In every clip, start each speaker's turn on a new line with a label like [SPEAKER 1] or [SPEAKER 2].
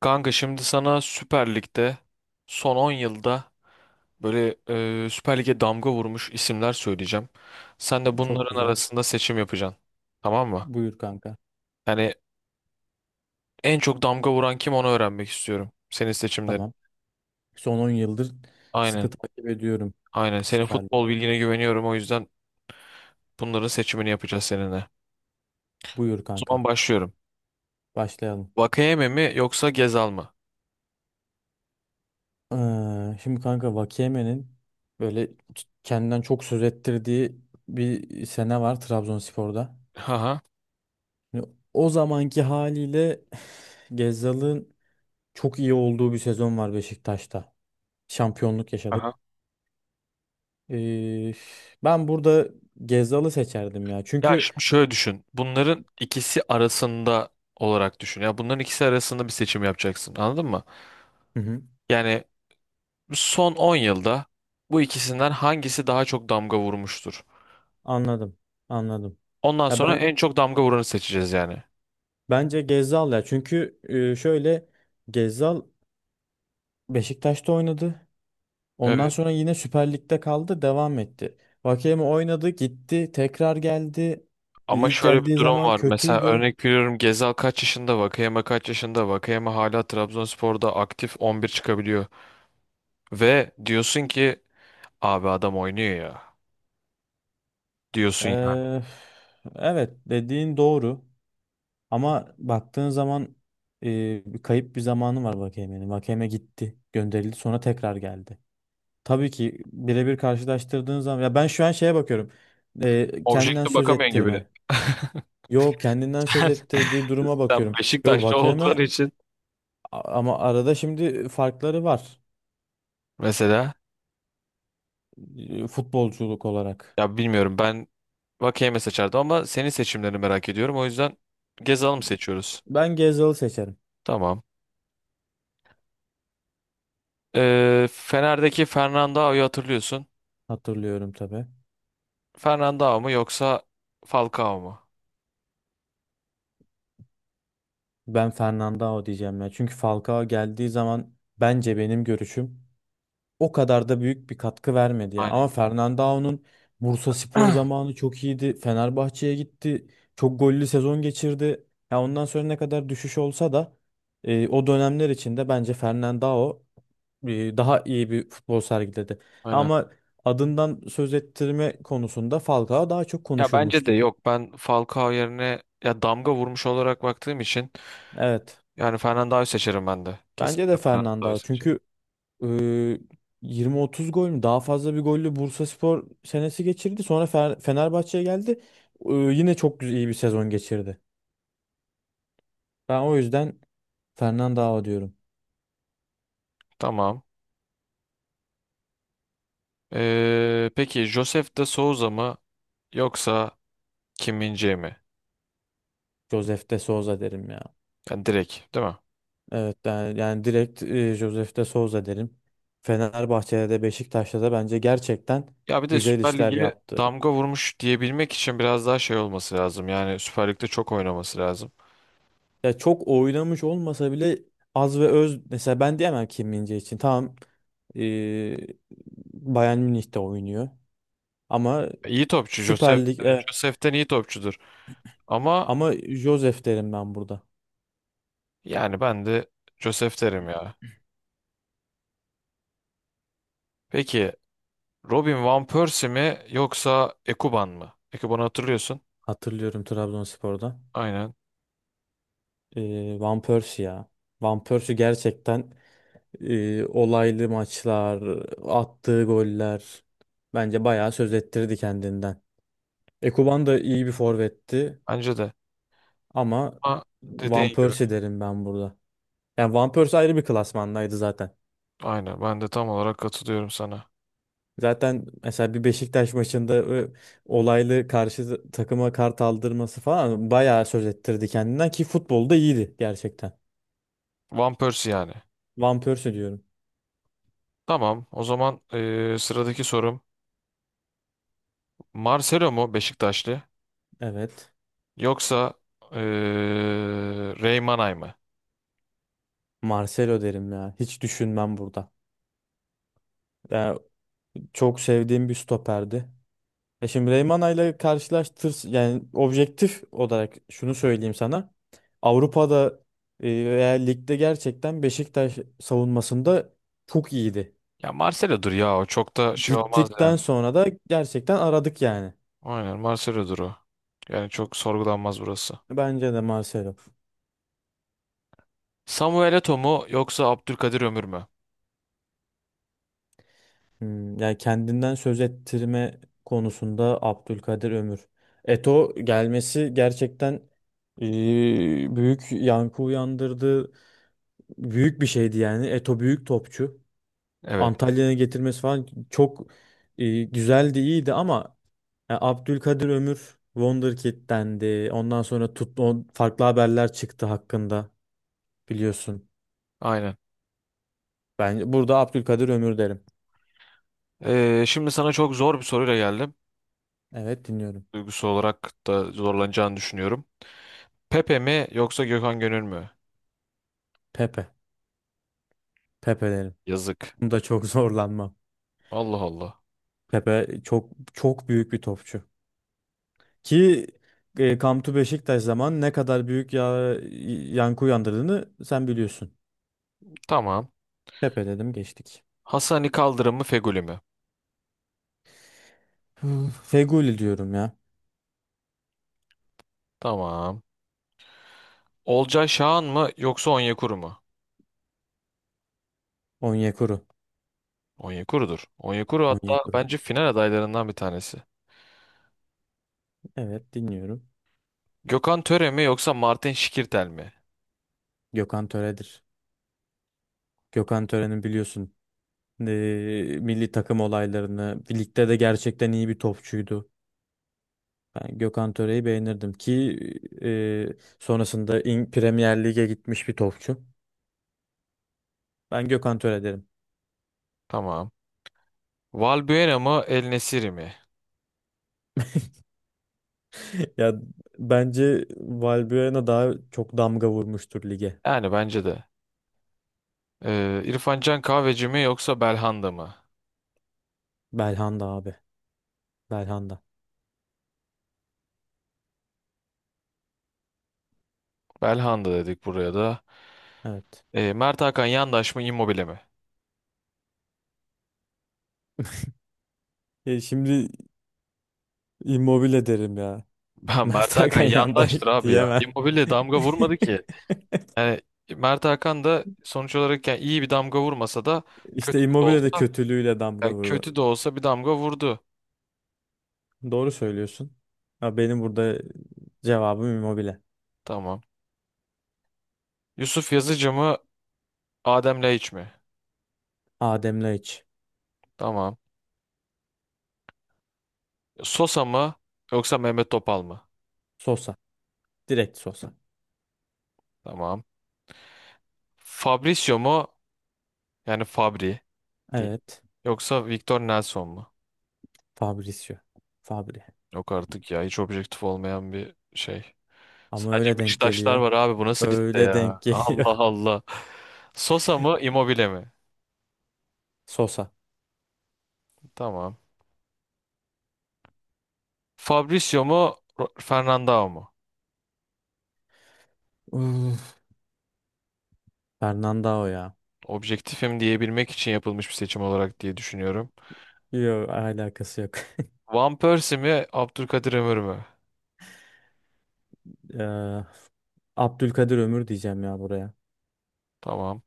[SPEAKER 1] Kanka şimdi sana Süper Lig'de son 10 yılda böyle Süper Lig'e damga vurmuş isimler söyleyeceğim. Sen de
[SPEAKER 2] Çok
[SPEAKER 1] bunların
[SPEAKER 2] güzel.
[SPEAKER 1] arasında seçim yapacaksın. Tamam mı?
[SPEAKER 2] Buyur kanka.
[SPEAKER 1] Yani en çok damga vuran kim onu öğrenmek istiyorum. Senin seçimlerin.
[SPEAKER 2] Tamam. Son 10 yıldır
[SPEAKER 1] Aynen.
[SPEAKER 2] sıkı takip ediyorum
[SPEAKER 1] Aynen. Senin
[SPEAKER 2] Süper
[SPEAKER 1] futbol
[SPEAKER 2] Lig'i.
[SPEAKER 1] bilgine güveniyorum, o yüzden bunların seçimini yapacağız seninle.
[SPEAKER 2] Buyur
[SPEAKER 1] O zaman
[SPEAKER 2] kanka.
[SPEAKER 1] başlıyorum.
[SPEAKER 2] Başlayalım.
[SPEAKER 1] Vakayeme mi yoksa Gezal mı?
[SPEAKER 2] Şimdi kanka Vakiyeme'nin böyle kendinden çok söz ettirdiği bir sene var Trabzonspor'da.
[SPEAKER 1] Haha.
[SPEAKER 2] Şimdi o zamanki haliyle Gezzal'ın çok iyi olduğu bir sezon var Beşiktaş'ta. Şampiyonluk yaşadık.
[SPEAKER 1] Aha.
[SPEAKER 2] Ee, ben burada Gezzal'ı seçerdim ya.
[SPEAKER 1] Ya
[SPEAKER 2] Çünkü.
[SPEAKER 1] şimdi şöyle düşün. Bunların ikisi arasında olarak düşün. Ya bunların ikisi arasında bir seçim yapacaksın. Anladın mı?
[SPEAKER 2] Hı hı,
[SPEAKER 1] Yani son 10 yılda bu ikisinden hangisi daha çok damga vurmuştur?
[SPEAKER 2] anladım. Anladım.
[SPEAKER 1] Ondan
[SPEAKER 2] Ya
[SPEAKER 1] sonra
[SPEAKER 2] ben.
[SPEAKER 1] en çok damga vuranı seçeceğiz yani.
[SPEAKER 2] Bence Gezzal ya. Çünkü şöyle Gezzal Beşiktaş'ta oynadı. Ondan
[SPEAKER 1] Evet.
[SPEAKER 2] sonra yine Süper Lig'de kaldı, devam etti. Vakeme oynadı, gitti, tekrar geldi.
[SPEAKER 1] Ama
[SPEAKER 2] İlk
[SPEAKER 1] şöyle bir
[SPEAKER 2] geldiği
[SPEAKER 1] durum
[SPEAKER 2] zaman
[SPEAKER 1] var. Mesela
[SPEAKER 2] kötüydü.
[SPEAKER 1] örnek veriyorum, Gezal kaç yaşında, Vakayeme kaç yaşında, Vakayeme hala Trabzonspor'da aktif 11 çıkabiliyor. Ve diyorsun ki abi adam oynuyor ya. Diyorsun yani.
[SPEAKER 2] Ee, evet, dediğin doğru. Ama baktığın zaman e, bir kayıp bir zamanı var Vakeme'nin. Vakeme gitti, gönderildi, sonra tekrar geldi. Tabii ki birebir karşılaştırdığın zaman ya ben şu an şeye bakıyorum. Kendinden
[SPEAKER 1] Objektif
[SPEAKER 2] söz
[SPEAKER 1] bakamıyorsun gibi.
[SPEAKER 2] ettirme. Yo, kendinden söz ettirdiği duruma
[SPEAKER 1] Sen
[SPEAKER 2] bakıyorum. Yo
[SPEAKER 1] Beşiktaşlı olduğun
[SPEAKER 2] Vakeme
[SPEAKER 1] için
[SPEAKER 2] ama arada şimdi farkları var
[SPEAKER 1] mesela,
[SPEAKER 2] futbolculuk olarak.
[SPEAKER 1] ya bilmiyorum, ben Vakeyeme seçerdim ama senin seçimlerini merak ediyorum. O yüzden Gezal'ı mı seçiyoruz?
[SPEAKER 2] Ben Gezal'ı seçerim.
[SPEAKER 1] Tamam. Fener'deki Fernandao'yu hatırlıyorsun.
[SPEAKER 2] Hatırlıyorum tabii.
[SPEAKER 1] Fernandao mu yoksa Falcao mu?
[SPEAKER 2] Ben Fernandao diyeceğim ya. Çünkü Falcao geldiği zaman bence benim görüşüm o kadar da büyük bir katkı vermedi ya. Ama
[SPEAKER 1] Aynen.
[SPEAKER 2] Fernandao'nun Bursaspor zamanı çok iyiydi. Fenerbahçe'ye gitti. Çok gollü sezon geçirdi. Ya ondan sonra ne kadar düşüş olsa da o dönemler içinde bence Fernandao daha iyi bir futbol sergiledi.
[SPEAKER 1] Aynen.
[SPEAKER 2] Ama adından söz ettirme konusunda Falcao daha çok
[SPEAKER 1] Ya bence de
[SPEAKER 2] konuşulmuştu.
[SPEAKER 1] yok. Ben Falcao yerine, ya damga vurmuş olarak baktığım için,
[SPEAKER 2] Evet.
[SPEAKER 1] yani Fernandao'yu seçerim ben de.
[SPEAKER 2] Bence de
[SPEAKER 1] Kesinlikle Fernandao'yu
[SPEAKER 2] Fernandao.
[SPEAKER 1] seçerim.
[SPEAKER 2] Çünkü Ee, 20-30 gol mü? Daha fazla bir gollü Bursaspor senesi geçirdi. Sonra Fenerbahçe'ye geldi. Yine çok güzel, iyi bir sezon geçirdi. Ben o yüzden Fernandao diyorum.
[SPEAKER 1] Tamam. Peki Josef de Souza mı yoksa Kim min mi?
[SPEAKER 2] Josef de Souza derim ya.
[SPEAKER 1] Yani direkt değil mi?
[SPEAKER 2] Evet yani, yani direkt Josef de Souza derim. Fenerbahçe'de de Beşiktaş'ta da bence gerçekten
[SPEAKER 1] Ya bir de
[SPEAKER 2] güzel
[SPEAKER 1] Süper
[SPEAKER 2] işler
[SPEAKER 1] Lig'e
[SPEAKER 2] yaptı.
[SPEAKER 1] damga vurmuş diyebilmek için biraz daha şey olması lazım. Yani Süper Lig'de çok oynaması lazım.
[SPEAKER 2] Ya çok oynamış olmasa bile az ve öz, mesela ben diyemem Kim min için. Tamam. E, Bayern Münih'te oynuyor. Ama
[SPEAKER 1] İyi topçu. Josef,
[SPEAKER 2] Süper Lig,
[SPEAKER 1] yani
[SPEAKER 2] evet.
[SPEAKER 1] Josef'ten iyi topçudur. Ama
[SPEAKER 2] Ama Josef derim ben burada.
[SPEAKER 1] yani ben de Josef derim ya. Peki Robin Van Persie mi yoksa Ekuban mı? Ekuban'ı hatırlıyorsun.
[SPEAKER 2] Hatırlıyorum Trabzonspor'da.
[SPEAKER 1] Aynen.
[SPEAKER 2] Van Persie ya. Van Persie gerçekten olaylı maçlar, attığı goller, bence bayağı söz ettirdi kendinden. Ekuban da iyi bir forvetti
[SPEAKER 1] Bence de.
[SPEAKER 2] ama
[SPEAKER 1] Ama dediğin
[SPEAKER 2] Van
[SPEAKER 1] gibi.
[SPEAKER 2] Persie derim ben burada. Yani Van Persie ayrı bir klasmandaydı zaten.
[SPEAKER 1] Aynen. Ben de tam olarak katılıyorum sana.
[SPEAKER 2] Zaten mesela bir Beşiktaş maçında olaylı karşı takıma kart aldırması falan bayağı söz ettirdi kendinden ki futbolda iyiydi gerçekten.
[SPEAKER 1] Van Persie yani.
[SPEAKER 2] Van Persie diyorum.
[SPEAKER 1] Tamam. O zaman sıradaki sorum. Marcelo mu Beşiktaşlı?
[SPEAKER 2] Evet.
[SPEAKER 1] Yoksa eee Reymanay mı?
[SPEAKER 2] Marcelo derim ya. Hiç düşünmem burada. Yani çok sevdiğim bir stoperdi. Şimdi Reymana ile karşılaştır, yani objektif olarak şunu söyleyeyim sana. Avrupa'da veya ligde gerçekten Beşiktaş savunmasında çok iyiydi.
[SPEAKER 1] Ya Marcelo'dur ya, o çok da şey olmaz
[SPEAKER 2] Gittikten
[SPEAKER 1] yani.
[SPEAKER 2] sonra da gerçekten aradık yani.
[SPEAKER 1] Aynen Marcelo'dur o. Yani çok sorgulanmaz burası.
[SPEAKER 2] Bence de Marcelo.
[SPEAKER 1] Samuel Eto'o mu yoksa Abdülkadir Ömür mü?
[SPEAKER 2] Yani kendinden söz ettirme konusunda Abdülkadir Ömür. Eto gelmesi gerçekten büyük yankı uyandırdı. Büyük bir şeydi yani. Eto büyük topçu.
[SPEAKER 1] Evet.
[SPEAKER 2] Antalya'ya getirmesi falan çok güzeldi, iyiydi ama ya Abdülkadir Ömür Wonderkid'dendi. Ondan sonra tut, farklı haberler çıktı hakkında, biliyorsun.
[SPEAKER 1] Aynen.
[SPEAKER 2] Ben burada Abdülkadir Ömür derim.
[SPEAKER 1] Şimdi sana çok zor bir soruyla geldim.
[SPEAKER 2] Evet, dinliyorum.
[SPEAKER 1] Duygusal olarak da zorlanacağını düşünüyorum. Pepe mi yoksa Gökhan Gönül mü?
[SPEAKER 2] Pepe. Pepe derim.
[SPEAKER 1] Yazık.
[SPEAKER 2] Bunda çok zorlanmam.
[SPEAKER 1] Allah Allah.
[SPEAKER 2] Pepe çok çok büyük bir topçu. Ki Come to Beşiktaş zaman ne kadar büyük ya, yankı uyandırdığını sen biliyorsun.
[SPEAKER 1] Tamam.
[SPEAKER 2] Pepe dedim, geçtik.
[SPEAKER 1] Hasani Kaldırım mı Fegüli mi?
[SPEAKER 2] Hmm. Feguli diyorum ya.
[SPEAKER 1] Tamam. Olcay Şahan mı yoksa Onyekuru mu?
[SPEAKER 2] Onyekuru.
[SPEAKER 1] Onyekuru'dur. Onyekuru hatta
[SPEAKER 2] Onyekuru.
[SPEAKER 1] bence final adaylarından bir tanesi.
[SPEAKER 2] Evet, dinliyorum.
[SPEAKER 1] Gökhan Töre mi yoksa Martin Şikirtel mi?
[SPEAKER 2] Gökhan Töre'dir. Gökhan Töre'nin biliyorsun milli takım olaylarını, ligde de gerçekten iyi bir topçuydu. Ben Gökhan Töre'yi beğenirdim ki e, sonrasında Premier Lig'e gitmiş bir topçu. Ben Gökhan Töre derim.
[SPEAKER 1] Tamam. Valbuena mı El Nesiri mi?
[SPEAKER 2] Ya bence Valbuena daha çok damga vurmuştur lige.
[SPEAKER 1] Yani bence de. İrfan Can Kahveci mi yoksa Belhanda mı?
[SPEAKER 2] Belhanda abi. Belhanda.
[SPEAKER 1] Belhanda dedik buraya da.
[SPEAKER 2] Evet.
[SPEAKER 1] Mert Hakan Yandaş mı Immobile mi?
[SPEAKER 2] Şimdi Immobile derim ya.
[SPEAKER 1] Ben
[SPEAKER 2] Mert
[SPEAKER 1] Mert Hakan
[SPEAKER 2] Hakan yanında
[SPEAKER 1] Yandaş'tır abi ya.
[SPEAKER 2] diyemem.
[SPEAKER 1] Immobile damga vurmadı ki. Yani Mert Hakan da sonuç olarak yani iyi bir damga vurmasa da, kötü
[SPEAKER 2] İşte
[SPEAKER 1] de
[SPEAKER 2] Immobile de
[SPEAKER 1] olsa,
[SPEAKER 2] kötülüğüyle damga
[SPEAKER 1] yani
[SPEAKER 2] vurdu.
[SPEAKER 1] kötü de olsa bir damga vurdu.
[SPEAKER 2] Doğru söylüyorsun. Ya benim burada cevabım Immobile.
[SPEAKER 1] Tamam. Yusuf Yazıcı mı Adem Laiç mi?
[SPEAKER 2] Adem Laiç.
[SPEAKER 1] Tamam. Sosa mı yoksa Mehmet Topal mı?
[SPEAKER 2] Sosa. Direkt Sosa.
[SPEAKER 1] Tamam. Fabrizio mu? Yani Fabri değil.
[SPEAKER 2] Evet.
[SPEAKER 1] Yoksa Victor Nelson mu?
[SPEAKER 2] Fabrizio. Fabri.
[SPEAKER 1] Yok artık ya, hiç objektif olmayan bir şey.
[SPEAKER 2] Ama
[SPEAKER 1] Sadece
[SPEAKER 2] öyle denk
[SPEAKER 1] Beşiktaşlar
[SPEAKER 2] geliyor.
[SPEAKER 1] var abi, bu nasıl liste
[SPEAKER 2] Öyle
[SPEAKER 1] ya?
[SPEAKER 2] denk
[SPEAKER 1] Allah
[SPEAKER 2] geliyor.
[SPEAKER 1] Allah. Sosa mı Immobile mi?
[SPEAKER 2] Sosa.
[SPEAKER 1] Tamam. Fabrizio mu Fernandao mu?
[SPEAKER 2] Uf, Fernandao ya.
[SPEAKER 1] Objektifim diyebilmek için yapılmış bir seçim olarak diye düşünüyorum.
[SPEAKER 2] Yok, alakası yok.
[SPEAKER 1] Van Persie mi Abdülkadir Ömür mü?
[SPEAKER 2] Eee, Abdülkadir Ömür diyeceğim ya buraya.
[SPEAKER 1] Tamam.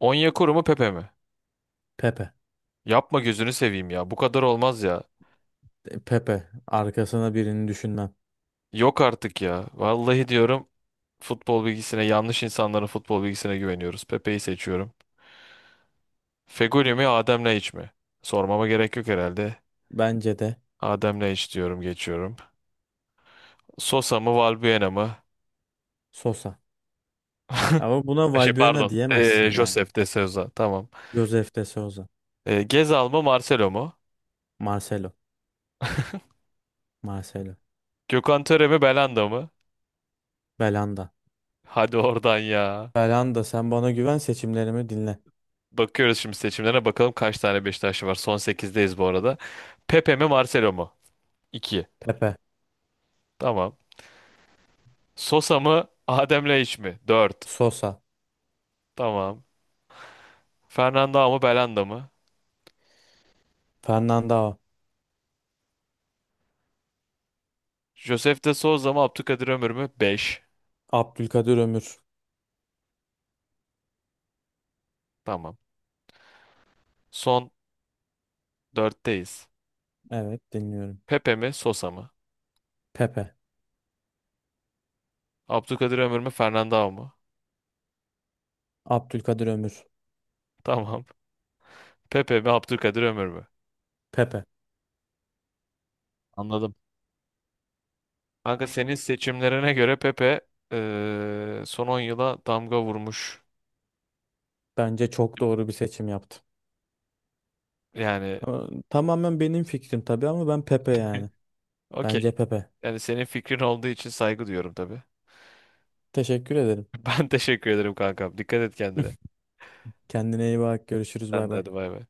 [SPEAKER 1] Onyekuru mu Pepe mi?
[SPEAKER 2] Pepe.
[SPEAKER 1] Yapma gözünü seveyim ya. Bu kadar olmaz ya.
[SPEAKER 2] Pepe. Arkasına birini düşünmem.
[SPEAKER 1] Yok artık ya. Vallahi diyorum futbol bilgisine, yanlış insanların futbol bilgisine güveniyoruz. Pepe'yi seçiyorum. Feguli mi Adem iç mi? Sormama gerek yok herhalde.
[SPEAKER 2] Bence de
[SPEAKER 1] Adem iç diyorum geçiyorum. Sosa mı Valbuena mı?
[SPEAKER 2] Sosa. Ama buna
[SPEAKER 1] Şey
[SPEAKER 2] Valbuena
[SPEAKER 1] pardon.
[SPEAKER 2] diyemezsin yani.
[SPEAKER 1] Josef de Souza. Tamam.
[SPEAKER 2] Josef de Souza.
[SPEAKER 1] Gezal mı Marcelo mu?
[SPEAKER 2] Marcelo. Marcelo.
[SPEAKER 1] Gökhan Töre mi Belanda mı?
[SPEAKER 2] Belanda.
[SPEAKER 1] Hadi oradan ya.
[SPEAKER 2] Belanda, sen bana güven, seçimlerimi dinle.
[SPEAKER 1] Bakıyoruz şimdi, seçimlere bakalım kaç tane Beşiktaşlı var. Son sekizdeyiz bu arada. Pepe mi Marcelo mu? 2.
[SPEAKER 2] Pepe.
[SPEAKER 1] Tamam. Sosa mı Adem Laiç mi? 4.
[SPEAKER 2] Sosa.
[SPEAKER 1] Tamam. Fernanda mı Belanda mı?
[SPEAKER 2] Fernandao.
[SPEAKER 1] Josef de Souza mı Abdülkadir Ömür mü? 5.
[SPEAKER 2] Abdülkadir Ömür.
[SPEAKER 1] Tamam. Son 4'teyiz.
[SPEAKER 2] Evet, dinliyorum.
[SPEAKER 1] Pepe mi Sosa mı?
[SPEAKER 2] Pepe.
[SPEAKER 1] Abdülkadir Ömür mü Fernanda mı?
[SPEAKER 2] Abdülkadir Ömür.
[SPEAKER 1] Tamam. Pepe mi Abdülkadir Ömür mü?
[SPEAKER 2] Pepe.
[SPEAKER 1] Anladım. Kanka senin seçimlerine göre Pepe son 10 yıla damga vurmuş.
[SPEAKER 2] Bence çok doğru bir seçim yaptım.
[SPEAKER 1] Yani
[SPEAKER 2] Ama tamamen benim fikrim tabii, ama ben Pepe yani.
[SPEAKER 1] okey.
[SPEAKER 2] Bence Pepe.
[SPEAKER 1] Yani senin fikrin olduğu için saygı duyuyorum tabii.
[SPEAKER 2] Teşekkür ederim.
[SPEAKER 1] Ben teşekkür ederim kankam. Dikkat et kendine.
[SPEAKER 2] Kendine iyi bak. Görüşürüz.
[SPEAKER 1] Sen
[SPEAKER 2] Bay
[SPEAKER 1] de
[SPEAKER 2] bay.
[SPEAKER 1] hadi bay bay.